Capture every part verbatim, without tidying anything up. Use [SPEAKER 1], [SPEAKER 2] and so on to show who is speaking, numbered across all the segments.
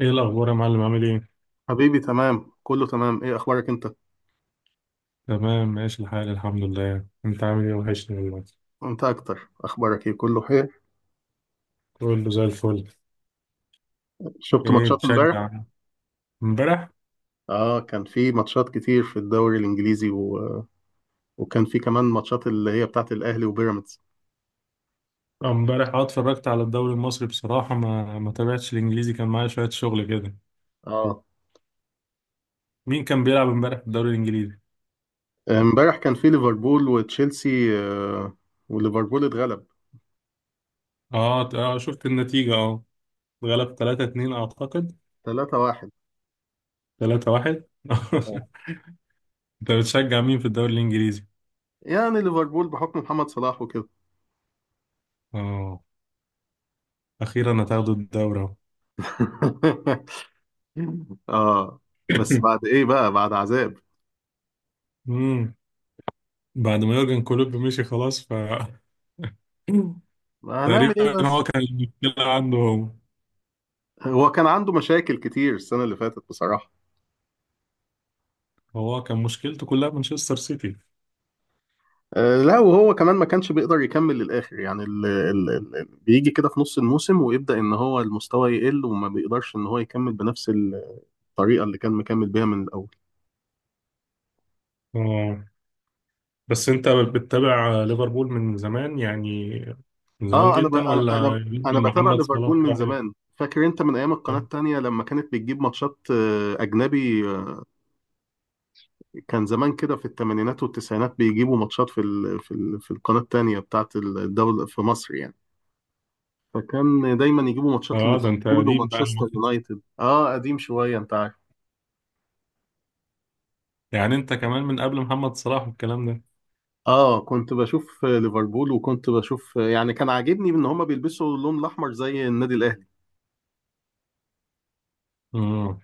[SPEAKER 1] ايه الاخبار يا معلم؟ عامل ايه؟
[SPEAKER 2] حبيبي تمام، كله تمام. ايه اخبارك انت؟
[SPEAKER 1] تمام، ماشي الحال الحمد لله. انت عامل ايه؟ وحشني والله.
[SPEAKER 2] انت اكتر، اخبارك ايه؟ كله خير.
[SPEAKER 1] كله زي الفل.
[SPEAKER 2] شفت
[SPEAKER 1] ايه
[SPEAKER 2] ماتشات امبارح؟
[SPEAKER 1] بتشجع؟ امبارح؟
[SPEAKER 2] اه كان في ماتشات كتير في الدوري الانجليزي و... وكان في كمان ماتشات اللي هي بتاعت الاهلي وبيراميدز.
[SPEAKER 1] آه، امبارح اه اتفرجت على الدوري المصري بصراحه، ما ما تابعتش الانجليزي، كان معايا شويه شغل كده.
[SPEAKER 2] اه
[SPEAKER 1] مين كان بيلعب امبارح في الدوري الانجليزي؟
[SPEAKER 2] امبارح كان في ليفربول وتشيلسي، آه، وليفربول اتغلب
[SPEAKER 1] اه ت- اه شفت النتيجه، اه، غلب ثلاثة اثنين اعتقد.
[SPEAKER 2] ثلاثة واحد.
[SPEAKER 1] ثلاثة واحد
[SPEAKER 2] آه.
[SPEAKER 1] انت بتشجع مين في الدوري الانجليزي؟
[SPEAKER 2] يعني ليفربول بحكم محمد صلاح وكده.
[SPEAKER 1] اه. اخيرا هتاخدوا الدوري اهو.
[SPEAKER 2] اه. بس بعد ايه بقى، بعد عذاب.
[SPEAKER 1] امم بعد ما يورجن كلوب مشي خلاص، ف...
[SPEAKER 2] ما هنعمل ايه
[SPEAKER 1] تقريبا هو
[SPEAKER 2] بس.
[SPEAKER 1] كان المشكلة عنده هو.
[SPEAKER 2] هو كان عنده مشاكل كتير السنة اللي فاتت بصراحة.
[SPEAKER 1] هو كان مشكلته كلها مانشستر سيتي.
[SPEAKER 2] آه، لا وهو كمان ما كانش بيقدر يكمل للآخر، يعني ال ال ال بيجي كده في نص الموسم ويبدأ إن هو المستوى يقل وما بيقدرش إن هو يكمل بنفس الطريقة اللي كان مكمل بيها من الأول.
[SPEAKER 1] اه. بس انت بتتابع ليفربول من زمان يعني؟ من زمان
[SPEAKER 2] آه أنا ب
[SPEAKER 1] جدا
[SPEAKER 2] أنا أنا
[SPEAKER 1] ولا
[SPEAKER 2] أنا
[SPEAKER 1] من
[SPEAKER 2] بتابع
[SPEAKER 1] محمد
[SPEAKER 2] ليفربول
[SPEAKER 1] صلاح
[SPEAKER 2] من
[SPEAKER 1] راح-
[SPEAKER 2] زمان، فاكر أنت من أيام القناة التانية لما كانت بتجيب ماتشات آه، أجنبي آه، كان زمان كده في الثمانينات والتسعينات بيجيبوا ماتشات في ال في ال في القناة التانية بتاعت الدولة في مصر يعني. فكان دايما يجيبوا ماتشات
[SPEAKER 1] اه، ده انت
[SPEAKER 2] لليفربول
[SPEAKER 1] قديم بقى.
[SPEAKER 2] ومانشستر يونايتد، اه قديم شويه انت عارف.
[SPEAKER 1] يعني انت كمان من قبل محمد صلاح والكلام ده؟
[SPEAKER 2] اه كنت بشوف ليفربول، وكنت بشوف، يعني كان عاجبني ان هما بيلبسوا اللون الاحمر زي النادي الاهلي.
[SPEAKER 1] امم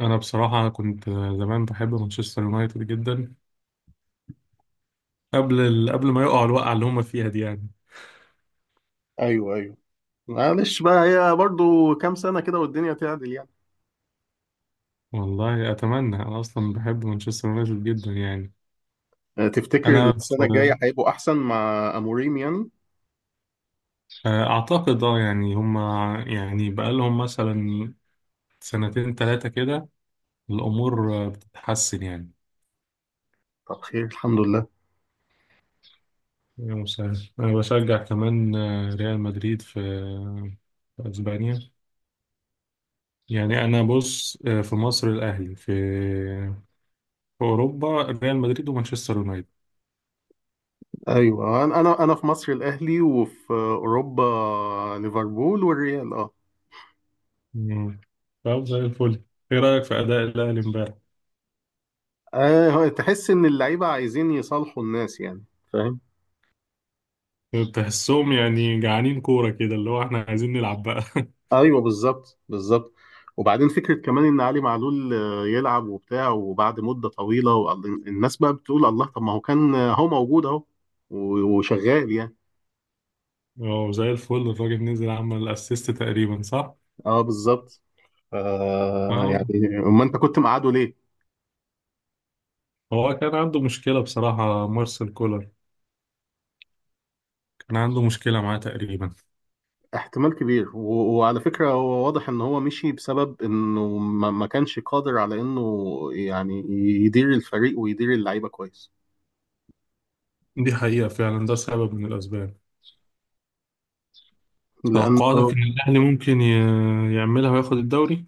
[SPEAKER 1] انا بصراحة كنت زمان بحب مانشستر يونايتد جدا، قبل ال... قبل ما يقعوا الوقعة اللي هم فيها دي يعني.
[SPEAKER 2] ايوه، ايوه. معلش بقى، هي برضو كام سنة كده والدنيا تعدل يعني.
[SPEAKER 1] والله اتمنى، انا اصلا بحب مانشستر يونايتد جدا يعني.
[SPEAKER 2] آه، تفتكر
[SPEAKER 1] انا
[SPEAKER 2] السنة الجاية هيبقوا احسن مع اموريم يعني؟
[SPEAKER 1] أعتقد أه يعني هما، يعني بقالهم مثلا سنتين تلاتة كده الأمور آه، بتتحسن يعني.
[SPEAKER 2] طب خير، الحمد لله.
[SPEAKER 1] يا مساعد، أنا بشجع كمان آه، ريال مدريد في آه، في أسبانيا. يعني أنا بص آه، في مصر الأهلي، في في أوروبا ريال مدريد ومانشستر يونايتد.
[SPEAKER 2] ايوه، انا انا أنا في مصر الاهلي، وفي اوروبا ليفربول والريال، اه.
[SPEAKER 1] مم. طب زي الفل. إيه رأيك في أداء الأهلي إمبارح؟
[SPEAKER 2] آه، تحس ان اللعيبة عايزين يصالحوا الناس يعني، فاهم؟
[SPEAKER 1] تحسهم يعني جعانين كورة كده، اللي هو إحنا عايزين نلعب بقى.
[SPEAKER 2] ايوه، بالظبط بالظبط. وبعدين فكره كمان ان علي معلول آه، يلعب وبتاع، وبعد مده طويله، وال- الناس بقى بتقول الله، طب ما هو كان، آه، هو موجود اهو و- وشغال يعني.
[SPEAKER 1] هو زي الفل الراجل، نزل عمل أسيست تقريبا صح؟
[SPEAKER 2] اه بالظبط. آه
[SPEAKER 1] آه.
[SPEAKER 2] يعني ما انت كنت مقعده ليه.
[SPEAKER 1] هو كان عنده مشكلة بصراحة مارسيل كولر، كان عنده مشكلة معاه تقريبا.
[SPEAKER 2] احتمال كبير، و- وعلى فكره هو واضح ان هو مشي بسبب انه ما ما كانش قادر على انه يعني يدير الفريق ويدير اللعيبه كويس،
[SPEAKER 1] دي حقيقة فعلا، ده سبب من الأسباب. توقعاتك
[SPEAKER 2] لانه.
[SPEAKER 1] إن الأهلي ممكن ي- يعملها وياخد الدوري؟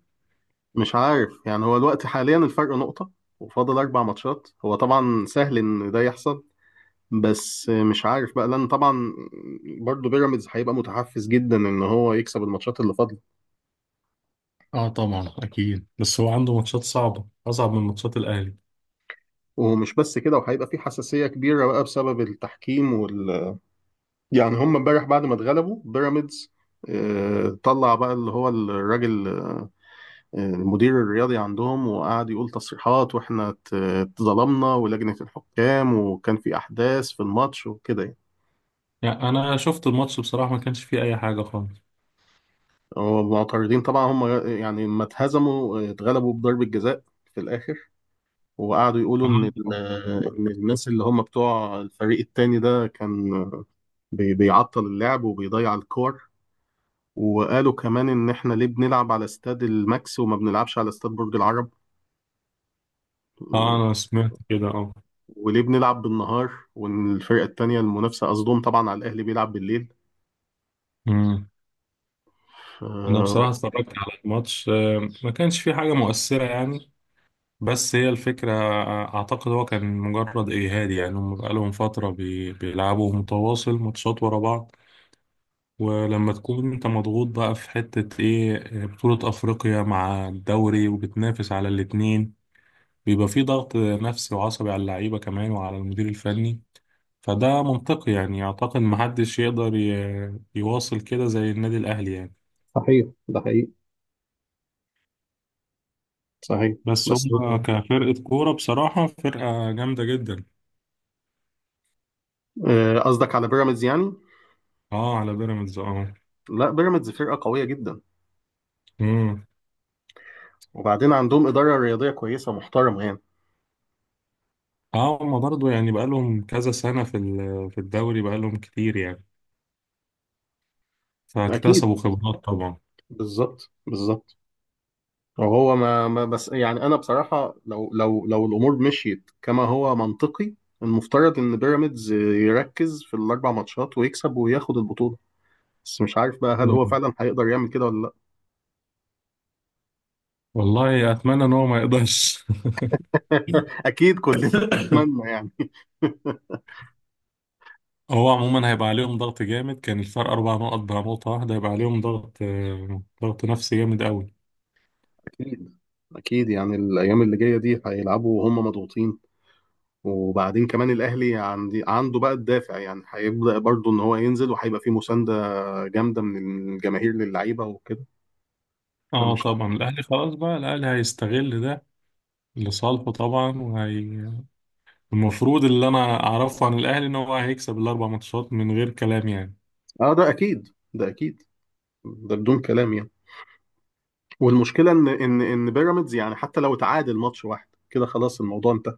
[SPEAKER 2] مش عارف يعني، هو الوقت حاليا الفرق نقطة وفاضل أربع ماتشات، هو طبعا سهل إن ده يحصل. بس مش عارف بقى، لأن طبعا برضه بيراميدز هيبقى متحفز جدا إن هو يكسب الماتشات اللي فاضلة.
[SPEAKER 1] اه طبعا اكيد، بس هو عنده ماتشات صعبه، اصعب من ماتشات الاهلي.
[SPEAKER 2] ومش بس كده، وهيبقى في حساسية كبيرة بقى بسبب التحكيم وال يعني. هم امبارح بعد ما اتغلبوا بيراميدز، آه، طلع بقى اللي هو الراجل، آه، المدير الرياضي عندهم، وقعد يقول تصريحات واحنا ات- اتظلمنا، ولجنة الحكام، وكان في أحداث في الماتش وكده يعني.
[SPEAKER 1] يعني انا شفت الماتش بصراحه، ما كانش فيه اي حاجه خالص.
[SPEAKER 2] هو معترضين طبعا هم، يعني لما اتهزموا اتغلبوا بضربة جزاء في الآخر، وقعدوا يقولوا إن ال-
[SPEAKER 1] اه.
[SPEAKER 2] إن الناس اللي هم بتوع الفريق التاني ده كان بي- بيعطل اللعب وبيضيع الكور. وقالوا كمان إن إحنا ليه بنلعب على استاد الماكس وما بنلعبش على استاد برج العرب،
[SPEAKER 1] آه، انا سمعت كده، اه.
[SPEAKER 2] وليه بنلعب بالنهار، وإن الفرقة التانية المنافسة قصدهم طبعا على الأهلي بيلعب بالليل
[SPEAKER 1] أمم. انا
[SPEAKER 2] ف-
[SPEAKER 1] بصراحه اتفرجت على الماتش آه، ما كانش فيه حاجه مؤثره يعني، بس هي الفكرة. أعتقد هو كان مجرد إجهاد، يعني هم بقالهم فترة بي- بيلعبوا متواصل ماتشات ورا بعض. ولما تكون أنت مضغوط بقى في حتة إيه، بطولة أفريقيا مع الدوري وبتنافس على الاتنين، بيبقى في ضغط نفسي وعصبي على اللعيبة كمان وعلى المدير الفني. فده منطقي يعني، أعتقد محدش يقدر ي- يواصل كده زي النادي الأهلي يعني.
[SPEAKER 2] صحيح ده حقيقي، صحيح.
[SPEAKER 1] بس
[SPEAKER 2] بس
[SPEAKER 1] هم كفرقة كورة بصراحة فرقة جامدة جدا.
[SPEAKER 2] آه، قصدك على بيراميدز يعني؟
[SPEAKER 1] اه على بيراميدز اه.
[SPEAKER 2] لا بيراميدز فرقة قوية جدا،
[SPEAKER 1] مم.
[SPEAKER 2] وبعدين عندهم إدارة رياضية كويسة محترمة يعني.
[SPEAKER 1] اه، هما برضه يعني بقالهم كذا سنة في ال- في الدوري، بقالهم كتير يعني،
[SPEAKER 2] أكيد،
[SPEAKER 1] فاكتسبوا خبرات طبعا.
[SPEAKER 2] بالظبط بالظبط. وهو ما, ما بس، يعني أنا بصراحة لو لو لو الأمور مشيت كما هو منطقي، المفترض إن بيراميدز يركز في الأربع ماتشات ويكسب وياخد البطولة. بس مش عارف بقى هل هو
[SPEAKER 1] مم.
[SPEAKER 2] فعلا هيقدر يعمل كده ولا لأ.
[SPEAKER 1] والله أتمنى إن هو ما يقدرش.
[SPEAKER 2] أكيد كلنا نتمنى يعني.
[SPEAKER 1] هو عموما هيبقى عليهم ضغط جامد، كان الفرق أربع نقط بقى نقطة واحدة، هيبقى عليهم ضغط آه، ضغط نفسي جامد أوي.
[SPEAKER 2] أكيد أكيد، يعني الأيام اللي جاية دي هيلعبوا وهم مضغوطين. وبعدين كمان الأهلي عندي عنده بقى الدافع، يعني هيبدأ برضه إن هو ينزل، وهيبقى فيه مساندة جامده من الجماهير للعيبه وكده.
[SPEAKER 1] اه
[SPEAKER 2] فمش.
[SPEAKER 1] طبعا الأهلي خلاص بقى، الأهلي هيستغل ده لصالحه طبعا. وهي المفروض اللي أنا أعرفه عن الأهلي إن هو هيكسب الأربع ماتشات من غير كلام يعني.
[SPEAKER 2] اه ده اكيد، ده اكيد، ده بدون كلام يعني. والمشكله ان ان ان بيراميدز يعني حتى لو تعادل ماتش واحد كده خلاص الموضوع انتهى.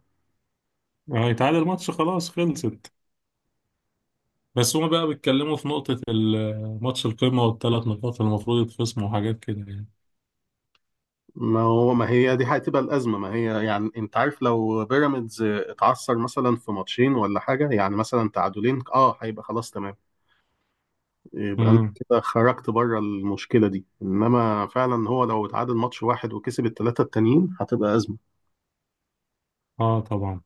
[SPEAKER 1] هيتعادل ماتش خلاص خلصت. بس هما بقى بيتكلموا في نقطة ال- ماتش القمة والثلاث نقاط اللي المفروض يتخصموا وحاجات كده يعني.
[SPEAKER 2] ما هو ما هي دي هتبقى الازمه. ما هي يعني انت عارف، لو بيراميدز اتعثر مثلا في ماتشين ولا حاجه، يعني مثلا تعادلين، اه هيبقى خلاص تمام. يبقى انت
[SPEAKER 1] امم
[SPEAKER 2] كده خرجت بره المشكله دي. انما فعلا هو لو اتعادل ماتش واحد وكسب الثلاثه التانيين هتبقى ازمه.
[SPEAKER 1] اه طبعا.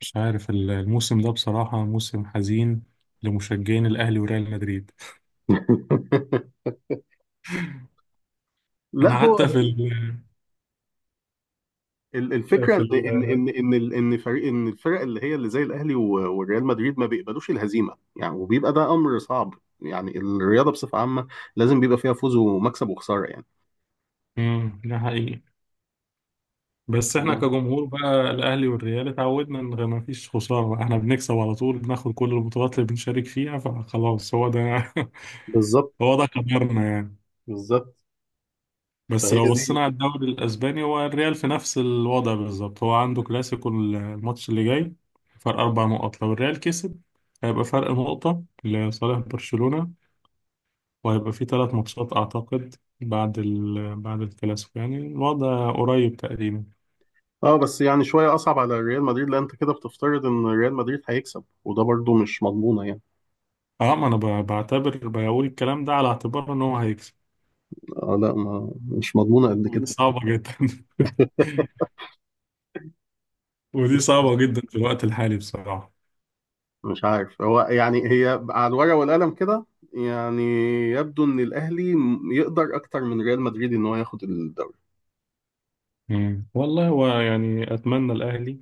[SPEAKER 1] مش عارف ال- الموسم ده بصراحة موسم حزين لمشجعين الأهلي وريال مدريد.
[SPEAKER 2] لا
[SPEAKER 1] أنا
[SPEAKER 2] هو
[SPEAKER 1] حتى في ال
[SPEAKER 2] ال- الفكره ان
[SPEAKER 1] في
[SPEAKER 2] ان
[SPEAKER 1] ال
[SPEAKER 2] ان ان ال- ان فريق ان الفرق اللي هي اللي زي الاهلي و- والريال مدريد ما بيقبلوش الهزيمه يعني، وبيبقى ده امر صعب. يعني الرياضه بصفه عامه لازم بيبقى فيها فوز ومكسب وخساره يعني.
[SPEAKER 1] امم ده حقيقي. بس احنا
[SPEAKER 2] الله.
[SPEAKER 1] كجمهور بقى الأهلي والريال اتعودنا إن ما فيش خسارة، احنا بنكسب على طول، بناخد كل البطولات اللي بنشارك فيها، فخلاص هو ده.
[SPEAKER 2] بالظبط
[SPEAKER 1] هو ده قدرنا يعني.
[SPEAKER 2] بالظبط.
[SPEAKER 1] بس
[SPEAKER 2] فهي
[SPEAKER 1] لو بصينا
[SPEAKER 2] دي.
[SPEAKER 1] على الدوري الاسباني، هو الريال في نفس الوضع بالظبط، هو عنده كلاسيكو الماتش اللي جاي. فرق اربع نقط، لو الريال كسب هيبقى فرق نقطة لصالح برشلونة، وهيبقى في ثلاث ماتشات اعتقد بعد ال... بعد الكلاسيكو، يعني الوضع قريب تقريبا.
[SPEAKER 2] اه بس يعني شويه اصعب على ريال مدريد، لان انت كده بتفترض ان ريال مدريد هيكسب وده برضو مش مضمونه يعني.
[SPEAKER 1] اه ما انا ب- بعتبر، بقول الكلام ده على اعتبار ان هو هيكسب.
[SPEAKER 2] آه لا ما، مش مضمونه قد
[SPEAKER 1] ودي
[SPEAKER 2] كده.
[SPEAKER 1] صعبة جدا. ودي صعبة جدا في الوقت الحالي بصراحة.
[SPEAKER 2] مش عارف هو، يعني هي على الورقة والقلم كده، يعني يبدو ان الاهلي م- يقدر اكتر من ريال مدريد ان هو ياخد الدوري.
[SPEAKER 1] مم. والله هو يعني اتمنى الاهلي،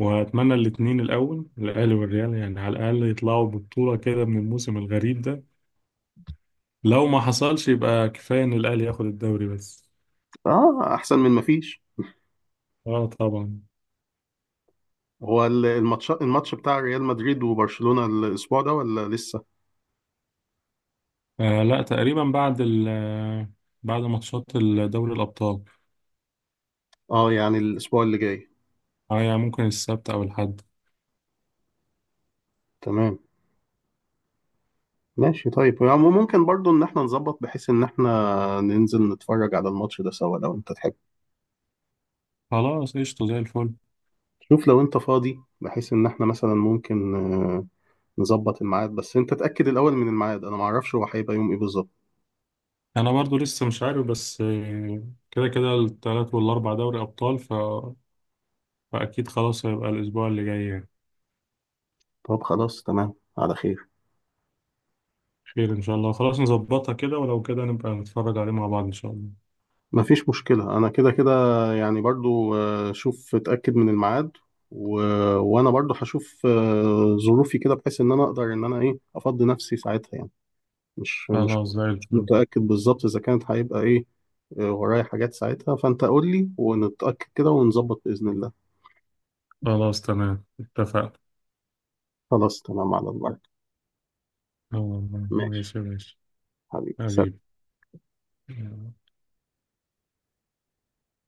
[SPEAKER 1] واتمنى الاثنين الاول، الاهلي والريال يعني على الاقل يطلعوا ببطوله كده من الموسم الغريب ده. لو ما حصلش يبقى كفايه ان الاهلي ياخد الدوري بس.
[SPEAKER 2] اه احسن من ما فيش.
[SPEAKER 1] اه طبعا.
[SPEAKER 2] هو ال- الماتش الماتش بتاع ريال مدريد وبرشلونة الاسبوع ده ولا لسه؟
[SPEAKER 1] آه لا، تقريبا بعد ال آه، بعد ماتشات ال- دوري الابطال.
[SPEAKER 2] اه يعني الاسبوع اللي جاي.
[SPEAKER 1] اه يعني ممكن السبت او الاحد.
[SPEAKER 2] تمام، ماشي طيب. يعني ممكن برضو ان احنا نظبط بحيث ان احنا ننزل نتفرج على الماتش ده سوا لو انت تحب.
[SPEAKER 1] خلاص قشطه زي الفل.
[SPEAKER 2] شوف لو انت فاضي، بحيث ان احنا مثلا ممكن آه، نظبط الميعاد، بس انت تأكد الاول من الميعاد، انا معرفش هو هيبقى يوم ايه بالظبط.
[SPEAKER 1] انا برضو لسه مش عارف، بس آه، كده كده الثلاث والاربع دوري ابطال ف... فاكيد خلاص هيبقى الاسبوع اللي جاي يعني.
[SPEAKER 2] طب خلاص تمام، على خير.
[SPEAKER 1] خير ان شاء الله، خلاص نظبطها كده، ولو كده نبقى نتفرج عليه مع بعض ان شاء الله.
[SPEAKER 2] مفيش مشكلة، أنا كده كده يعني. برضو آه، شوف اتأكد من الميعاد و... وأنا برضو هشوف آه، ظروفي كده، بحيث إن أنا أقدر إن أنا إيه أفضي نفسي ساعتها يعني. مش مش
[SPEAKER 1] خلاص زي
[SPEAKER 2] مش
[SPEAKER 1] الفل.
[SPEAKER 2] متأكد بالظبط إذا كانت هيبقى إيه، آه، ورايا حاجات ساعتها. فأنت قول لي ونتأكد كده ونظبط بإذن الله.
[SPEAKER 1] خلاص تمام اتفقنا.
[SPEAKER 2] خلاص تمام على البركة.
[SPEAKER 1] آه،
[SPEAKER 2] ماشي.
[SPEAKER 1] ماشي ماشي.
[SPEAKER 2] حبيبي سلام.
[SPEAKER 1] حبيبي يلا.